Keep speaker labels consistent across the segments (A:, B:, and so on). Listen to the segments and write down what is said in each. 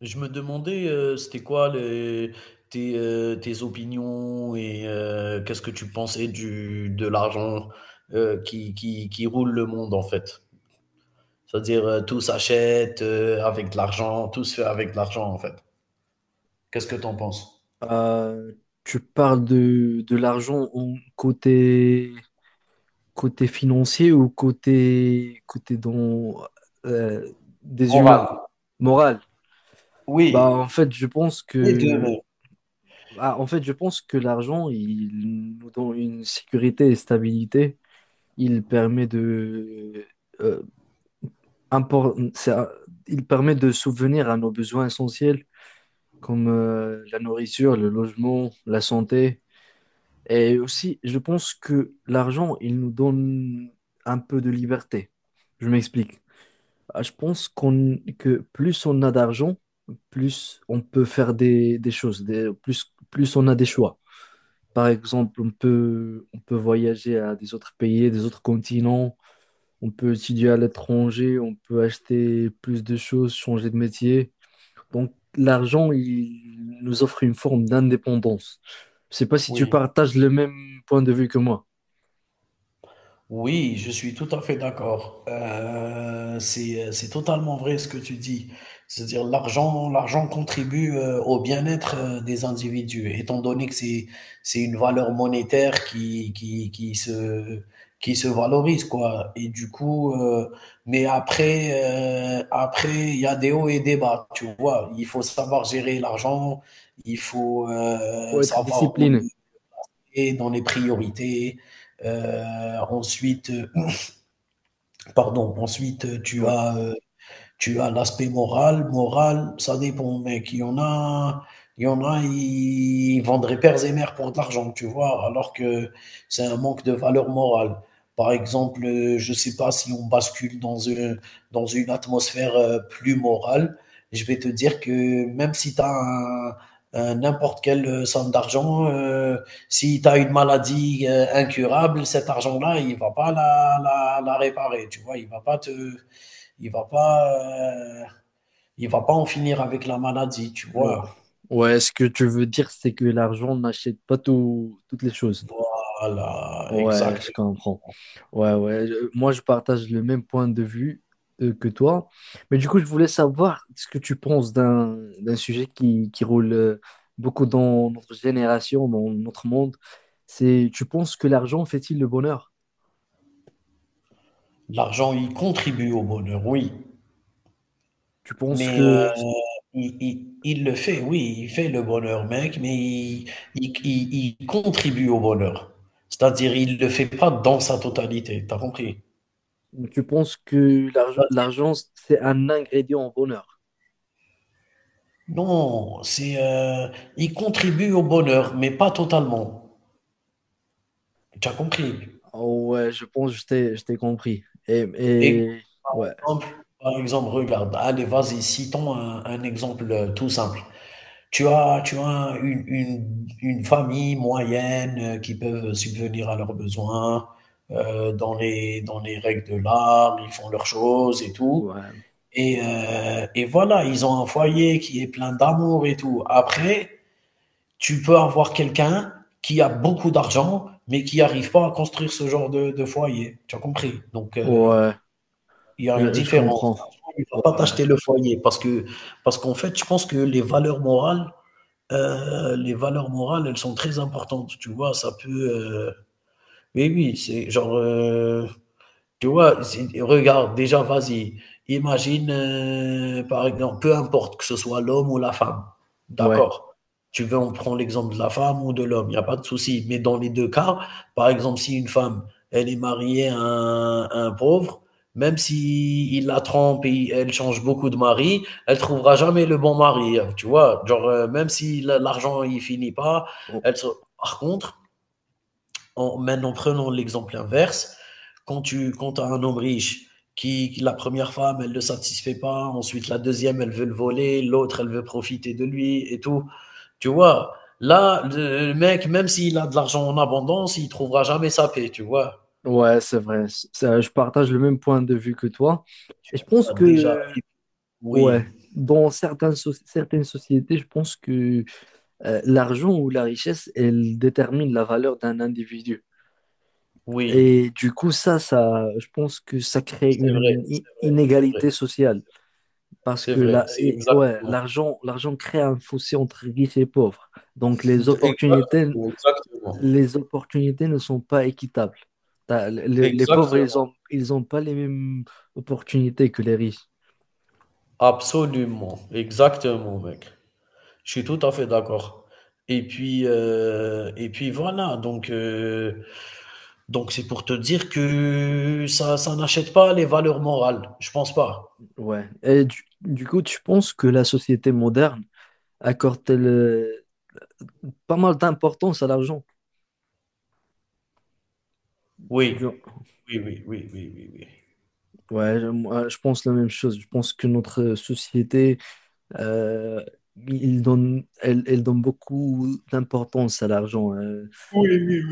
A: Je me demandais, c'était quoi tes opinions et qu'est-ce que tu pensais de l'argent qui roule le monde en fait. C'est-à-dire tout s'achète avec de l'argent, tout se fait avec de l'argent en fait. Qu'est-ce que tu en penses?
B: Euh, tu parles de l'argent en côté, côté financier ou côté, côté dans, euh, des humains,
A: Morale.
B: moral. Bah,
A: Oui,
B: en fait, je pense
A: les deux même.
B: que En fait, je pense que l'argent, il nous donne une sécurité et stabilité. Il permet de, euh, impor- c'est un- il permet de subvenir à nos besoins essentiels comme la nourriture, le logement, la santé. Et aussi, je pense que l'argent, il nous donne un peu de liberté. Je m'explique. Je pense que plus on a d'argent, plus on peut faire des choses, plus on a des choix. Par exemple, on peut voyager à des autres pays, des autres continents, on peut étudier à l'étranger, on peut acheter plus de choses, changer de métier. Donc, l'argent, il nous offre une forme d'indépendance. Je sais pas si tu
A: Oui.
B: partages le même point de vue que moi.
A: Oui, je suis tout à fait d'accord. C'est totalement vrai ce que tu dis. C'est-à-dire l'argent contribue au bien-être des individus, étant donné que c'est une valeur monétaire qui se valorise, quoi. Et du coup, mais après, il y a des hauts et des bas, tu vois. Il faut savoir gérer l'argent, il faut
B: Faut être
A: savoir où le
B: discipliné.
A: mettre dans les priorités. Euh, ensuite, Pardon, ensuite,
B: Ouais.
A: tu as l'aspect moral. Moral, ça dépend, mec. Il y en a, ils vendraient pères et mères pour de l'argent, tu vois, alors que c'est un manque de valeur morale. Par exemple, je ne sais pas si on bascule dans une atmosphère plus morale, je vais te dire que même si tu as un n'importe quelle somme d'argent, si tu as une maladie incurable, cet argent-là, il va pas la réparer, tu vois, il va pas te, il va pas, euh, il va pas en finir avec la maladie, tu
B: Non.
A: vois.
B: Ouais, ce que tu veux dire, c'est que l'argent n'achète pas tout- toutes les choses.
A: Voilà,
B: Ouais,
A: exact.
B: je comprends. Ouais, ouais. Moi, je partage le même point de vue que toi. Mais du coup, je voulais savoir ce que tu penses d'un sujet qui roule beaucoup dans notre génération, dans notre monde. C'est, tu penses que l'argent fait-il le bonheur?
A: L'argent, il contribue au bonheur, oui.
B: Tu penses
A: Mais
B: que
A: il le fait, oui, il fait le bonheur, mec, mais il contribue au bonheur. C'est-à-dire, il le fait pas dans sa totalité, t'as compris?
B: tu penses que
A: C'est-à-dire,
B: l'argent, c'est un ingrédient au bonheur?
A: non, il contribue au bonheur, mais pas totalement. T'as compris?
B: Oh, ouais, je pense que je t'ai compris.
A: Et
B: Et ouais,
A: exemple, par exemple, regarde, allez, vas-y, citons un exemple tout simple. Tu as une famille moyenne qui peuvent subvenir à leurs besoins dans les règles de l'art, ils font leurs choses et tout.
B: ouais,
A: Et voilà, ils ont un foyer qui est plein d'amour et tout. Après, tu peux avoir quelqu'un qui a beaucoup d'argent, mais qui n'arrive pas à construire ce genre de foyer. Tu as compris? Donc,
B: ouais.
A: il y a une
B: Je
A: différence.
B: comprends.
A: L'argent, il ne
B: Ouais.
A: va pas t'acheter le foyer parce qu'en fait, je pense que les valeurs morales, elles sont très importantes, tu vois? Mais oui, c'est genre, tu vois, regarde, déjà, vas-y, imagine, par exemple, peu importe que ce soit l'homme ou la femme,
B: Ouais.
A: d'accord? Tu veux, on prend l'exemple de la femme ou de l'homme, il n'y a pas de souci. Mais dans les deux cas, par exemple, si une femme, elle est mariée à un pauvre, même si il la trompe et elle change beaucoup de mari, elle trouvera jamais le bon mari, hein, tu vois? Genre, même si la- l'argent, il finit pas,
B: Oh,
A: elle se- Par contre, maintenant, prenons l'exemple inverse. Quand tu quand as un homme riche, la première femme, elle ne le satisfait pas, ensuite la deuxième, elle veut le voler, l'autre, elle veut profiter de lui et tout. Tu vois, là, le mec, même s'il a de l'argent en abondance, il ne trouvera jamais sa paix, tu vois.
B: ouais, c'est vrai. Ça, je partage le même point de vue que toi.
A: Tu
B: Et je pense
A: vois, déjà,
B: que, ouais,
A: oui,
B: dans certaines, certaines sociétés, je pense que l'argent ou la richesse, elle détermine la valeur d'un individu. Et
A: oui,
B: du coup, je pense que ça crée
A: c'est vrai,
B: une
A: c'est vrai, c'est vrai,
B: inégalité
A: c'est
B: sociale. Parce
A: c'est
B: que
A: vrai, c'est
B: ouais,
A: exactement.
B: l'argent crée un fossé entre riches et pauvres. Donc,
A: Absolument,
B: les opportunités ne sont pas équitables.
A: Ex-
B: Les pauvres, ils ont pas les mêmes opportunités que les riches.
A: absolument, exactement, mec. Je suis tout à fait d'accord. Et puis voilà, donc c'est pour te dire que ça n'achète pas les valeurs morales, je pense pas.
B: Ouais. Et du coup, tu penses que la société moderne accorde pas mal d'importance à l'argent?
A: Oui.
B: du-
A: Oui, oui, oui, oui, oui, oui.
B: Ouais, je moi, je pense la même chose. Je pense que notre société Euh, elle donne beaucoup d'importance à l'argent, hein.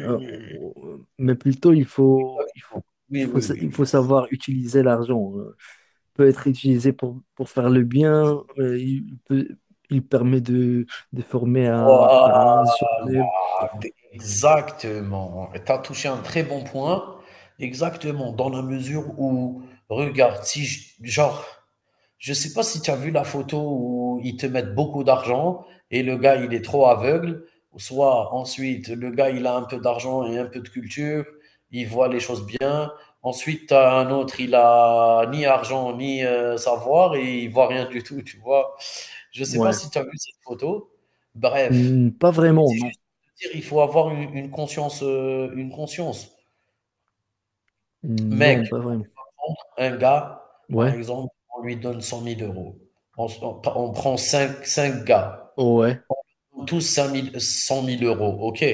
B: euh, mais plutôt,
A: Oui, oui, oui,
B: il faut
A: oui.
B: savoir utiliser l'argent. Il peut être utilisé pour faire le bien. Il permet de former
A: Voilà.
B: à un soi-même.
A: Exactement. Tu as touché un très bon point. Exactement, dans la mesure où, regarde, si je- genre, je sais pas si tu as vu la photo où ils te mettent beaucoup d'argent et le gars, il est trop aveugle, ou soit ensuite, le gars, il a un peu d'argent et un peu de culture, il voit les choses bien. Ensuite, tu as un autre, il a ni argent ni savoir et il voit rien du tout, tu vois. Je sais pas
B: Ouais.
A: si tu as vu cette photo. Bref.
B: Hmm, pas
A: Mais
B: vraiment,
A: c'est
B: non.
A: juste de dire, il faut avoir une conscience. Mec,
B: Non, pas vraiment.
A: un gars, par
B: Ouais.
A: exemple, on lui donne 100 000 euros. On, on prend 5, gars,
B: Oh, ouais.
A: tous 5 000 100 000 euros, ok.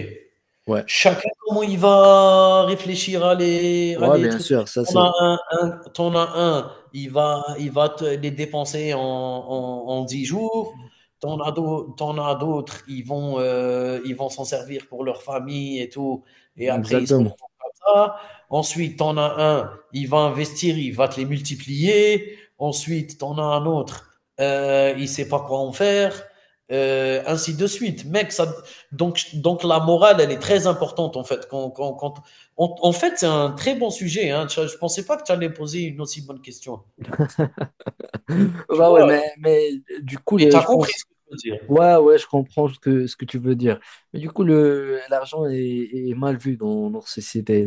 B: Ouais.
A: Chacun, comment il va réfléchir à les à
B: Ouais,
A: les
B: bien
A: trucs.
B: sûr, ça
A: T'en en as
B: c'est
A: un tu as un, il va te les dépenser en 10 jours. T'en en as d'au tu as d'autres, ils vont s'en servir pour leur famille et tout et après ils se
B: exactement.
A: retrouvent comme ça. Ensuite, t'en en as un, il va investir, il va te les multiplier. Ensuite, t'en en as un autre, il sait pas quoi en faire, ainsi de suite. Mec, donc la morale, elle est très importante en fait. En fait, c'est un très bon sujet. Hein. Je ne pensais pas que tu allais poser une aussi bonne question. Tu
B: Bah ouais,
A: vois,
B: mais du coup,
A: mais tu as
B: je
A: compris
B: pense.
A: ce que je veux dire.
B: Ouais, ouais, je comprends ce que tu veux dire. Mais du coup, l'argent est mal vu dans notre société.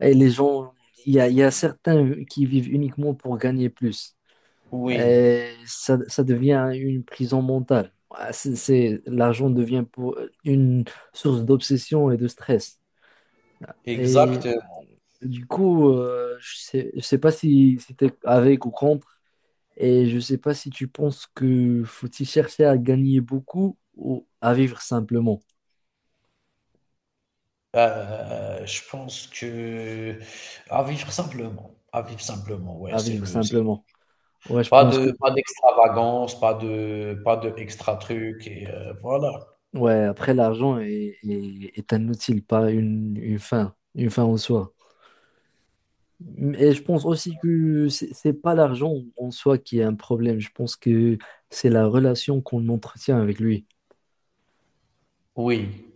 B: Et les gens, il y a certains qui vivent uniquement pour gagner plus.
A: Oui,
B: Et ça devient une prison mentale. C'est, l'argent devient pour une source d'obsession et de stress. Et
A: exact.
B: du coup, je sais pas si tu avec ou contre. Et je ne sais pas si tu penses que faut-il chercher à gagner beaucoup ou à vivre simplement.
A: Je pense que à vivre simplement. À vivre simplement, ouais,
B: À
A: c'est
B: vivre
A: le. C'est-
B: simplement. Ouais, je
A: Pas
B: pense
A: de,
B: que
A: pas d'extravagance, pas de extra truc, et voilà.
B: ouais, après l'argent est un outil, pas une fin, une fin en soi. Et je pense aussi que c'est pas l'argent en soi qui est un problème. Je pense que c'est la relation qu'on entretient avec lui.
A: Oui.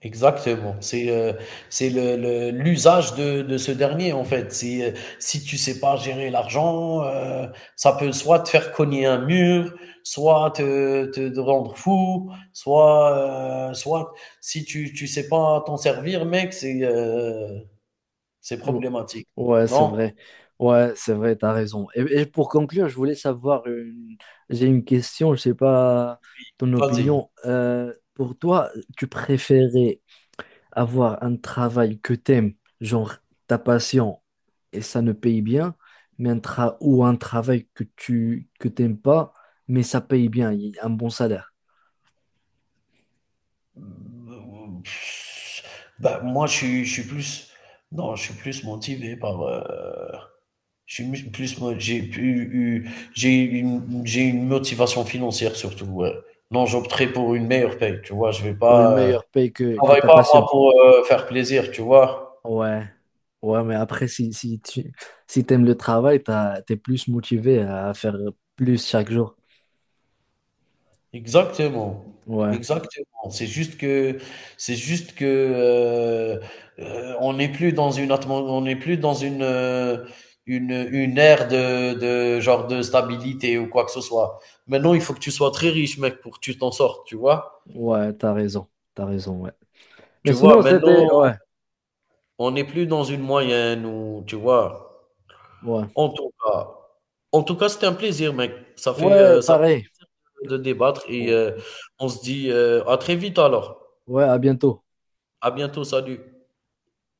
A: Exactement. C'est le l'usage de ce dernier en fait. Si tu sais pas gérer l'argent, ça peut soit te faire cogner un mur, soit te rendre fou, soit si tu sais pas t'en servir mec, c'est
B: Ou-
A: problématique.
B: Ouais, c'est
A: Non?
B: vrai. Ouais, c'est vrai, t'as raison. Et pour conclure, je voulais savoir j'ai une question, je sais pas ton
A: Vas-y.
B: opinion. Pour toi, tu préférais avoir un travail que t'aimes, genre ta passion, et ça ne paye bien, mais ou un travail que tu que t'aimes pas, mais ça paye bien, il y a un bon salaire,
A: Mmh, bah, moi je suis plus non, je suis plus motivé par, J'ai mu- plus, mo- j'ai pu- eu, j'ai une motivation financière surtout. Ouais. Non, j'opterai pour une meilleure paye, tu vois. Je vais
B: pour
A: pas,
B: une
A: euh,
B: meilleure paye
A: je
B: que
A: travaille
B: ta
A: pas moi
B: passion.
A: pour faire plaisir, tu vois.
B: Ouais, ouais, mais après, si tu si t'aimes le travail, t'es plus motivé à faire plus chaque jour.
A: Exactement,
B: Ouais,
A: exactement. C'est juste que, on n'est plus dans on n'est plus dans une ère de genre de stabilité ou quoi que ce soit. Maintenant, il faut que tu sois très riche, mec, pour que tu t'en sortes, tu vois.
B: ouais, t'as raison, ouais. Mais
A: Tu vois,
B: sinon,
A: maintenant.
B: c'était, ouais,
A: On n'est plus dans une moyenne ou tu vois?
B: ouais,
A: En tout cas en tout cas, c'était un plaisir, mec.
B: ouais,
A: Ça
B: pareil.
A: fait plaisir de débattre et on se dit, à très vite alors.
B: Ouais, à bientôt.
A: À bientôt, salut.